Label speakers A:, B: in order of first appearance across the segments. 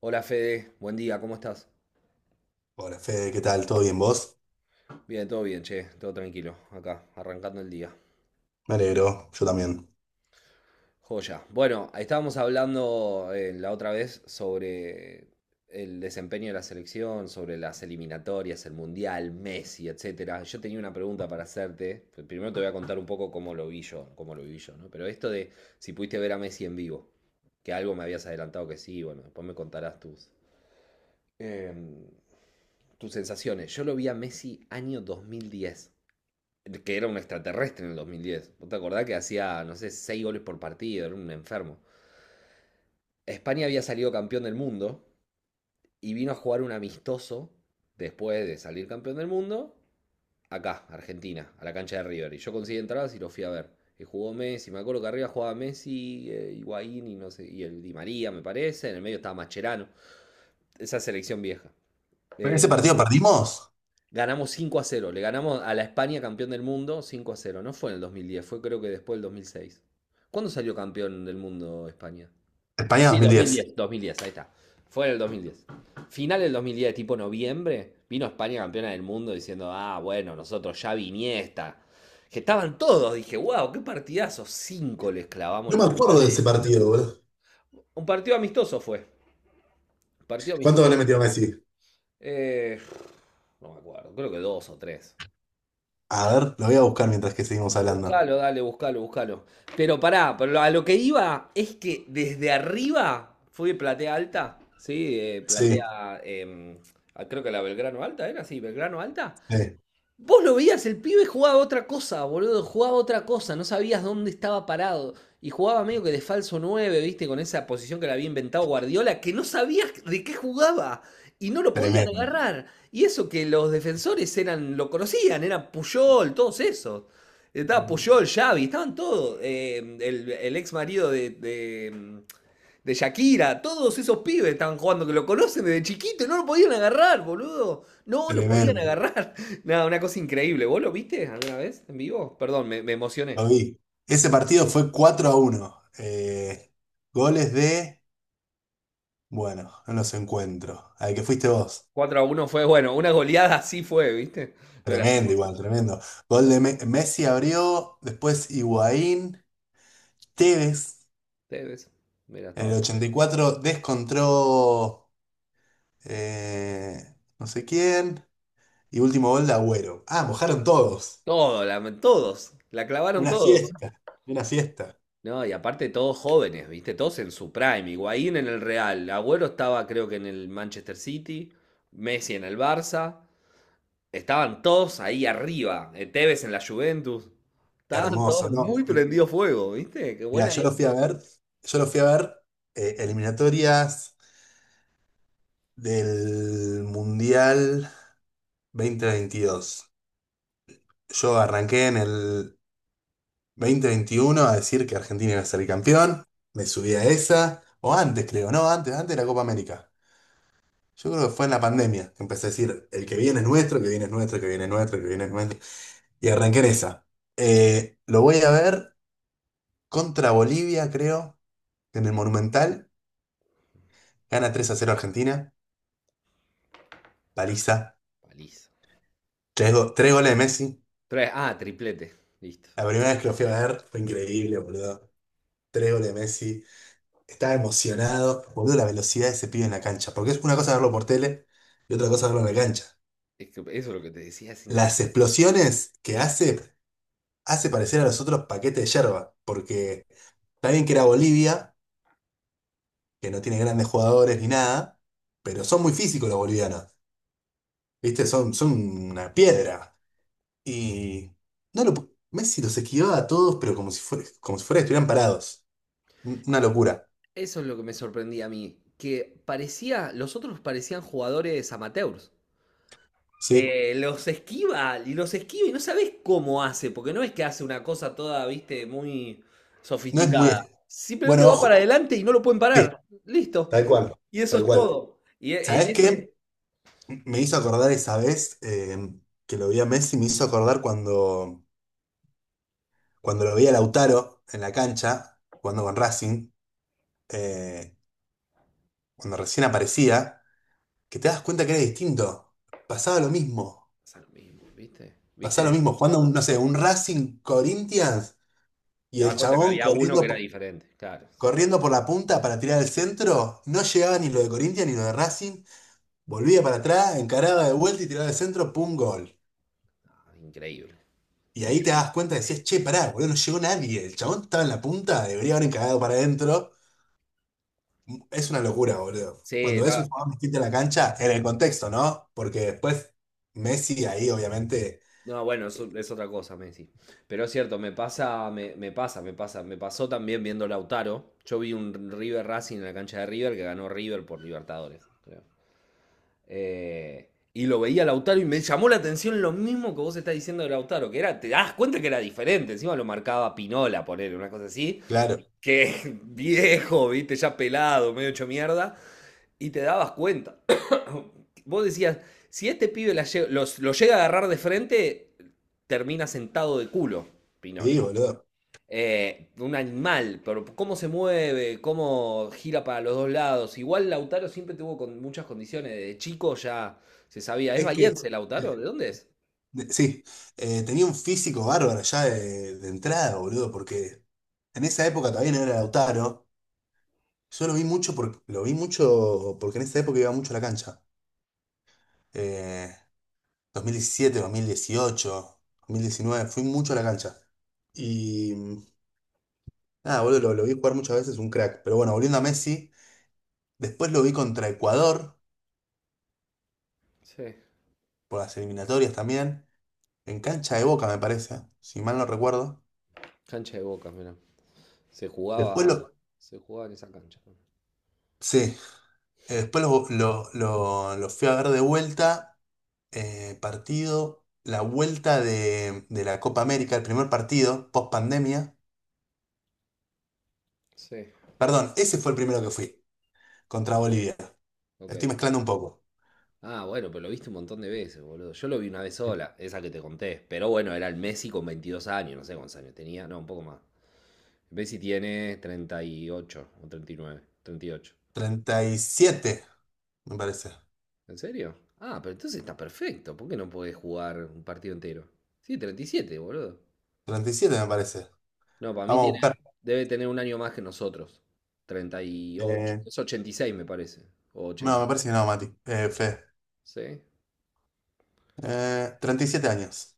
A: Hola Fede, buen día, ¿cómo estás?
B: Hola Fede, ¿qué tal? ¿Todo bien vos?
A: Bien, todo bien, che, todo tranquilo, acá, arrancando el día.
B: Me alegro, yo también.
A: Joya. Bueno, ahí estábamos hablando la otra vez sobre el desempeño de la selección, sobre las eliminatorias, el Mundial, Messi, etcétera. Yo tenía una pregunta para hacerte. Pues, primero te voy a contar un poco cómo lo vi yo, cómo lo vi yo, ¿no? Pero esto de si pudiste ver a Messi en vivo, que algo me habías adelantado que sí, bueno, después me contarás em, tus sensaciones. Yo lo vi a Messi año 2010, que era un extraterrestre en el 2010. ¿Vos te acordás que hacía, no sé, 6 goles por partido? Era un enfermo. España había salido campeón del mundo y vino a jugar un amistoso después de salir campeón del mundo acá, Argentina, a la cancha de River. Y yo conseguí entradas y lo fui a ver. Y jugó Messi, me acuerdo que arriba jugaba Messi, Higuaín y no sé, y el Di María, me parece. En el medio estaba Mascherano. Esa selección vieja. Eh,
B: ¿Ese partido perdimos?
A: Ganamos 5-0. Le ganamos a la España campeón del mundo 5-0. No fue en el 2010, fue creo que después del 2006. ¿Cuándo salió campeón del mundo España?
B: España
A: Sí,
B: 2010.
A: 2010, 2010, ahí está. Fue en el 2010. Final del 2010, tipo noviembre, vino España campeona del mundo diciendo, ah, bueno, nosotros ya viniesta. Que estaban todos, dije, wow, qué partidazo. Cinco les clavamos
B: No me
A: los
B: acuerdo
A: campeones
B: de
A: del
B: ese partido,
A: mundo.
B: boludo.
A: Un partido amistoso fue. Partido
B: ¿Cuánto
A: amistoso.
B: le metió Messi?
A: Eh, no me acuerdo, creo que dos o tres.
B: A ver, lo voy a buscar mientras que seguimos hablando.
A: Buscalo, dale, buscalo, buscalo. Pero pará, pero a lo que iba es que desde arriba fue platea alta, ¿sí?
B: Sí,
A: Ah, creo que la Belgrano Alta era, sí, Belgrano Alta.
B: sí,
A: Vos lo veías, el pibe jugaba otra cosa, boludo, jugaba otra cosa, no sabías dónde estaba parado. Y jugaba medio que de falso 9 viste, con esa posición que le había inventado Guardiola, que no sabías de qué jugaba y no lo podían
B: tremendo,
A: agarrar. Y eso que los defensores eran, lo conocían, eran Puyol, todos esos. Estaba Puyol, Xavi, estaban todos. El ex marido de Shakira, todos esos pibes estaban jugando que lo conocen desde chiquito y no lo podían agarrar, boludo. No lo podían
B: tremendo.
A: agarrar. Nada, una cosa increíble. ¿Vos lo viste alguna vez en vivo? Perdón, me emocioné.
B: Lo vi. Ese partido fue 4-1. Goles de, bueno, no los encuentro. Al que fuiste vos.
A: 4 a uno fue, bueno, una goleada así fue, ¿viste? No era así
B: Tremendo
A: cosa.
B: igual, tremendo. Gol de Messi abrió, después Higuaín, Tevez.
A: Ustedes, mira,
B: En
A: estaba
B: el
A: todo.
B: 84 descontró eh, no sé quién. Y último gol de Agüero. Ah, mojaron todos.
A: Todo, todos, la clavaron
B: Una
A: todos.
B: fiesta. Una fiesta.
A: No, y aparte todos jóvenes, ¿viste? Todos en su prime. Higuaín en el Real, Agüero estaba creo que en el Manchester City, Messi en el Barça. Estaban todos ahí arriba, Tevez en la Juventus. Estaban
B: Hermoso,
A: todos
B: ¿no?
A: muy prendido fuego, ¿viste? Qué
B: Mira,
A: buena
B: yo lo fui
A: época.
B: a ver. Yo lo fui a ver eliminatorias del Mundial 2022. Yo arranqué en el 2021 a decir que Argentina iba a ser el campeón. Me subí a esa. O antes, creo, ¿no? Antes, antes de la Copa América. Yo creo que fue en la pandemia que empecé a decir, el que viene es nuestro, el que viene es nuestro, el que viene es nuestro, el que viene es nuestro. Y arranqué en esa. Lo voy a ver contra Bolivia, creo, en el Monumental. Gana 3-0 Argentina, paliza.
A: Paliza.
B: Tres goles de Messi.
A: Ah, triplete. Listo.
B: La primera vez que lo fui a ver fue increíble, boludo. Tres goles de Messi. Estaba emocionado. Boludo, la velocidad de ese pibe en la cancha. Porque es una cosa verlo por tele y otra cosa verlo en la cancha.
A: Es que eso es lo que te decía, es
B: Las
A: increíble.
B: explosiones que hace parecer a los otros paquetes de yerba. Porque. Está bien que era Bolivia, que no tiene grandes jugadores ni nada, pero son muy físicos los bolivianos. ¿Viste? Son, son una piedra. Y no lo, pu- Messi los esquivaba a todos, pero como si fuera que estuvieran parados. Una locura.
A: Eso es lo que me sorprendía a mí. Que parecía, los otros parecían jugadores amateurs.
B: Sí.
A: Los esquiva, y los esquiva y no sabes cómo hace, porque no es que hace una cosa toda, viste, muy
B: No es muy.
A: sofisticada. Simplemente
B: Bueno,
A: va para
B: ojo.
A: adelante y no lo pueden
B: Sí,
A: parar. Listo.
B: tal cual.
A: Y eso
B: Tal
A: es
B: cual.
A: todo. Y en
B: ¿Sabés
A: esa
B: qué? Me hizo acordar esa vez que lo vi a Messi, me hizo acordar cuando lo vi a Lautaro en la cancha, jugando con Racing, eh, cuando recién aparecía. Que te das cuenta que era distinto. Pasaba lo mismo.
A: pasa lo mismo, ¿viste?
B: Pasaba lo
A: ¿Viste?
B: mismo. Jugando, un, no sé, un Racing Corinthians
A: Te
B: y
A: das
B: el
A: cuenta que
B: chabón
A: había uno que
B: corriendo,
A: era diferente. Claro, sí.
B: corriendo por la punta para tirar al centro. No llegaba ni lo de Corinthians ni lo de Racing. Volvía para atrás, encaraba de vuelta y tiraba al centro, pum, gol.
A: Ah, increíble,
B: Y ahí te das
A: increíble.
B: cuenta, decías, che, pará, boludo, no llegó nadie. El chabón estaba en la punta, debería haber encarado para adentro. Es una locura, boludo.
A: Sí,
B: Cuando ves
A: no,
B: un jugador distinto en la cancha, en el contexto, ¿no? Porque después Messi ahí, obviamente,
A: no, bueno, eso es otra cosa, Messi. Pero es cierto, me pasa, me pasa, me pasa. Me pasó también viendo Lautaro. Yo vi un River Racing en la cancha de River que ganó River por Libertadores, creo. Eh, y lo veía Lautaro y me llamó la atención lo mismo que vos estás diciendo de Lautaro, que era, te das cuenta que era diferente. Encima lo marcaba Pinola, poner una cosa así,
B: claro.
A: que viejo, viste, ya pelado, medio hecho mierda, y te dabas cuenta. Vos decías, si este pibe lo llega a agarrar de frente, termina sentado de culo, Pinola.
B: Sí, boludo.
A: Un animal, pero cómo se mueve, cómo gira para los dos lados. Igual Lautaro siempre tuvo con muchas condiciones, de chico ya se sabía. ¿Es
B: Es que,
A: bahiense Lautaro? ¿De dónde es?
B: sí, tenía un físico bárbaro ya de entrada, boludo, porque en esa época todavía no era Lautaro. Yo lo vi mucho, lo vi mucho porque en esa época iba mucho a la cancha. Eh, 2017, 2018, 2019, fui mucho a la cancha. Y nada, boludo, lo vi jugar muchas veces, un crack. Pero bueno, volviendo a Messi, después lo vi contra Ecuador,
A: Sí,
B: por las eliminatorias también, en cancha de Boca, me parece, si mal no recuerdo.
A: cancha de Boca, mira. Se
B: Después
A: jugaba,
B: lo.
A: se jugaba en esa cancha.
B: Sí, después lo fui a ver de vuelta, partido, la vuelta de la Copa América, el primer partido, post pandemia.
A: Sí,
B: Perdón, ese fue el primero que fui, contra Bolivia.
A: ok.
B: Estoy mezclando un poco.
A: Ah, bueno, pero lo viste un montón de veces, boludo. Yo lo vi una vez sola, esa que te conté. Pero bueno, era el Messi con 22 años, no sé cuántos años tenía, no, un poco más. Messi tiene 38 o treinta y nueve, 38.
B: Treinta y siete me parece.
A: ¿En serio? Ah, pero entonces está perfecto. ¿Por qué no podés jugar un partido entero? Sí, 37, boludo.
B: Treinta y siete me parece.
A: No, para mí
B: Vamos a buscar.
A: debe tener un año más que nosotros. 38,
B: Eh,
A: es 86 me parece. O
B: no, me parece que no, Mati. Fede.
A: 86. ¿Sí?
B: Treinta y siete años.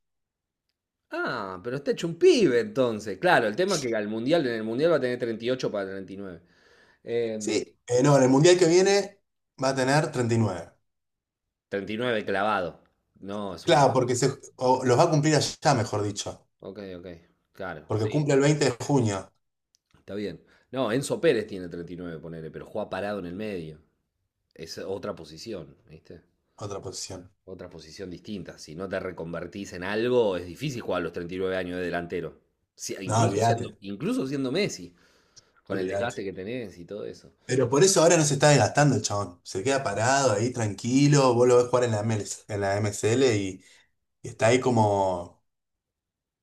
A: Ah, pero está hecho un pibe entonces. Claro, el tema es que en el mundial va a tener 38 para 39. Em,
B: Sí, no, en el mundial que viene va a tener 39.
A: 39 clavado. No, es un
B: Claro,
A: montón.
B: porque o los va a cumplir allá, mejor dicho.
A: Ok, ok. Claro,
B: Porque
A: sí,
B: cumple el 20 de junio.
A: está bien. No, Enzo Pérez tiene 39 ponele, pero juega parado en el medio. Es otra posición, ¿viste?
B: Otra posición.
A: Otra posición distinta. Si no te reconvertís en algo, es difícil jugar a los 39 años de delantero. Si-
B: No,
A: incluso siendo,
B: olvídate,
A: incluso siendo Messi, con el
B: olvídate.
A: desgaste que tenés y todo eso.
B: Pero por eso ahora no se está desgastando el chabón. Se queda parado ahí tranquilo. Vos lo ves jugar en la ML, en la MSL, y está ahí como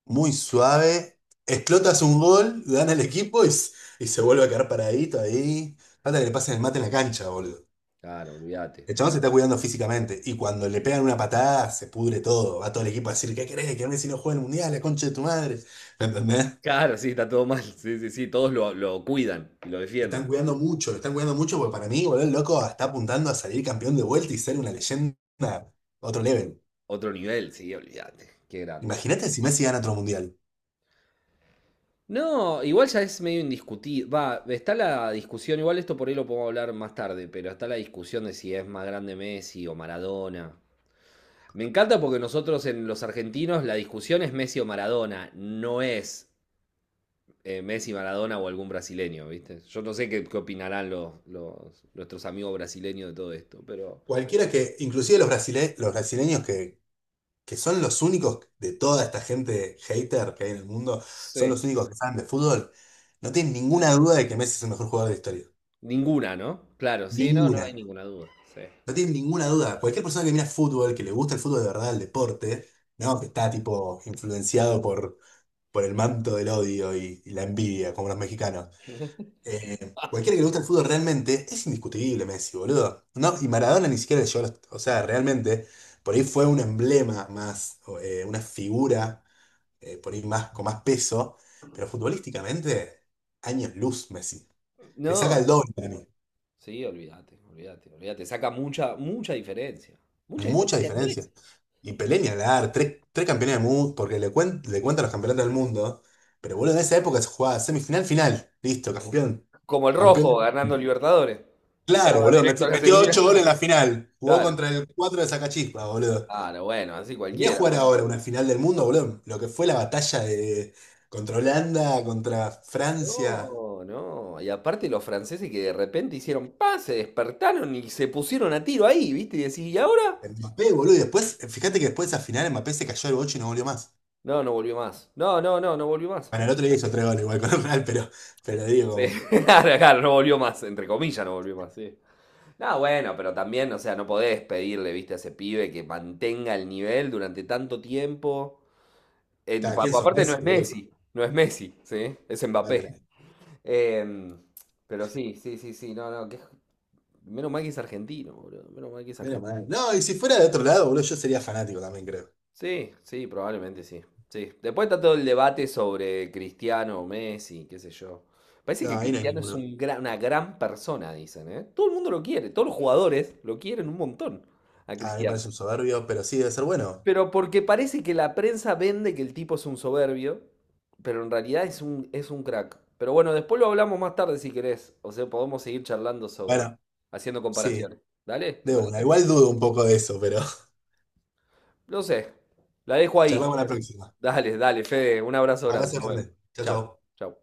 B: muy suave. Explotas un gol, gana el equipo y se vuelve a quedar paradito ahí. Falta
A: Claro,
B: que le pasen el mate en la cancha, boludo.
A: claro, olvídate.
B: El chabón se está cuidando físicamente. Y cuando le pegan una patada, se pudre todo. Va todo el equipo a decir, ¿qué querés? ¿Querés si no juega el mundial? La concha de tu madre. ¿Me entendés?
A: Claro, sí, está todo mal. Sí, sí, sí, todos lo cuidan y lo
B: Lo están
A: defienden.
B: cuidando mucho, lo están cuidando mucho porque para mí, boludo, el loco está apuntando a salir campeón de vuelta y ser una leyenda a otro level.
A: Otro nivel, sí, olvídate. Qué grande.
B: Imagínate si Messi gana otro mundial.
A: No, igual ya es medio indiscutible. Va, está la discusión, igual esto por ahí lo podemos hablar más tarde, pero está la discusión de si es más grande Messi o Maradona. Me encanta porque nosotros en los argentinos la discusión es Messi o Maradona, no es Messi, Maradona o algún brasileño, ¿viste? Yo no sé qué opinarán nuestros amigos brasileños de todo esto, pero...
B: Cualquiera inclusive los brasileños que son los únicos de toda esta gente hater que hay en el mundo, son
A: Sí.
B: los únicos que saben de fútbol, no tienen ninguna duda de que Messi es el mejor jugador de la historia.
A: Ninguna, ¿no? Claro, sí, no, no
B: Ninguna.
A: hay ninguna duda. Sí.
B: No tienen ninguna duda. Cualquier persona que mira fútbol, que le gusta el fútbol de verdad, el deporte, no, que está tipo influenciado por el manto del odio y la envidia, como los mexicanos. Cualquiera que le guste el fútbol realmente es indiscutible, Messi, boludo. No, y Maradona ni siquiera yo, o sea, realmente, por ahí fue un emblema más, o una figura, por ahí más, con más peso, pero futbolísticamente, años luz, Messi. Le saca
A: No,
B: el doble para mí.
A: sí, olvídate, olvídate, olvídate. Saca mucha, mucha diferencia. Mucha
B: Mucha
A: diferencia en Messi.
B: diferencia. Y Pelé ni hablar, tres campeones del mundo, porque le cuentan los campeonatos del mundo, pero boludo, en esa época se jugaba semifinal, final, listo, campeón,
A: Como el rojo
B: campeón.
A: ganando Libertadores.
B: Claro,
A: Entraba
B: boludo.
A: directo a la
B: Metió
A: semifinal.
B: 8 goles en la final. Jugó
A: Claro,
B: contra el 4 de Sacachispa, boludo.
A: claro, bueno, así
B: Venía a
A: cualquiera,
B: jugar
A: boludo.
B: ahora una final del mundo, boludo. Lo que fue la batalla de contra Holanda, contra Francia.
A: No, no. Y aparte los franceses que de repente hicieron paz, se despertaron y se pusieron a tiro ahí, ¿viste? Y decís, ¿y ahora?
B: Mbappé, boludo. Y después, fíjate que después de esa final Mbappé se cayó el bocho y no volvió más.
A: No, no volvió más. No, no, no, no volvió más.
B: Bueno, el otro día hizo 3 goles igual con el Real, pero digo,
A: Sí,
B: como,
A: claro, claro, no volvió más, entre comillas, no volvió más, sí. No, bueno, pero también, o sea, no podés pedirle, viste, a ese pibe que mantenga el nivel durante tanto tiempo.
B: cada quien son
A: Aparte no
B: Messi,
A: es
B: boludo.
A: Messi, no es Messi, ¿sí? Es Mbappé.
B: Mándala.
A: Em, pero sí, sí, sí, sí, no, no, que, menos mal que es argentino, boludo, menos mal que es
B: Menos
A: argentino.
B: mal. No, y si fuera de otro lado, boludo, yo sería fanático también, creo.
A: Sí, sí, probablemente sí, sí. Después está todo el debate sobre Cristiano o Messi, qué sé yo. Parece
B: No,
A: que
B: ahí no hay
A: Cristiano es
B: ninguno.
A: una gran persona, dicen, ¿eh? Todo el mundo lo quiere, todos los jugadores lo quieren un montón a
B: A mí me
A: Cristiano.
B: parece un soberbio, pero sí debe ser bueno.
A: Pero porque parece que la prensa vende que el tipo es un soberbio, pero en realidad es un crack. Pero bueno, después lo hablamos más tarde si querés. O sea, podemos seguir charlando sobre,
B: Bueno,
A: haciendo
B: sí.
A: comparaciones. Dale, ¿te
B: De una,
A: parece?
B: igual dudo un poco de eso, pero
A: No sé. La dejo ahí.
B: charlamos la próxima.
A: Dale, dale, Fede. Un abrazo grande.
B: Abrazo
A: Nos vemos.
B: grande. Chao,
A: Chau,
B: chao.
A: chau.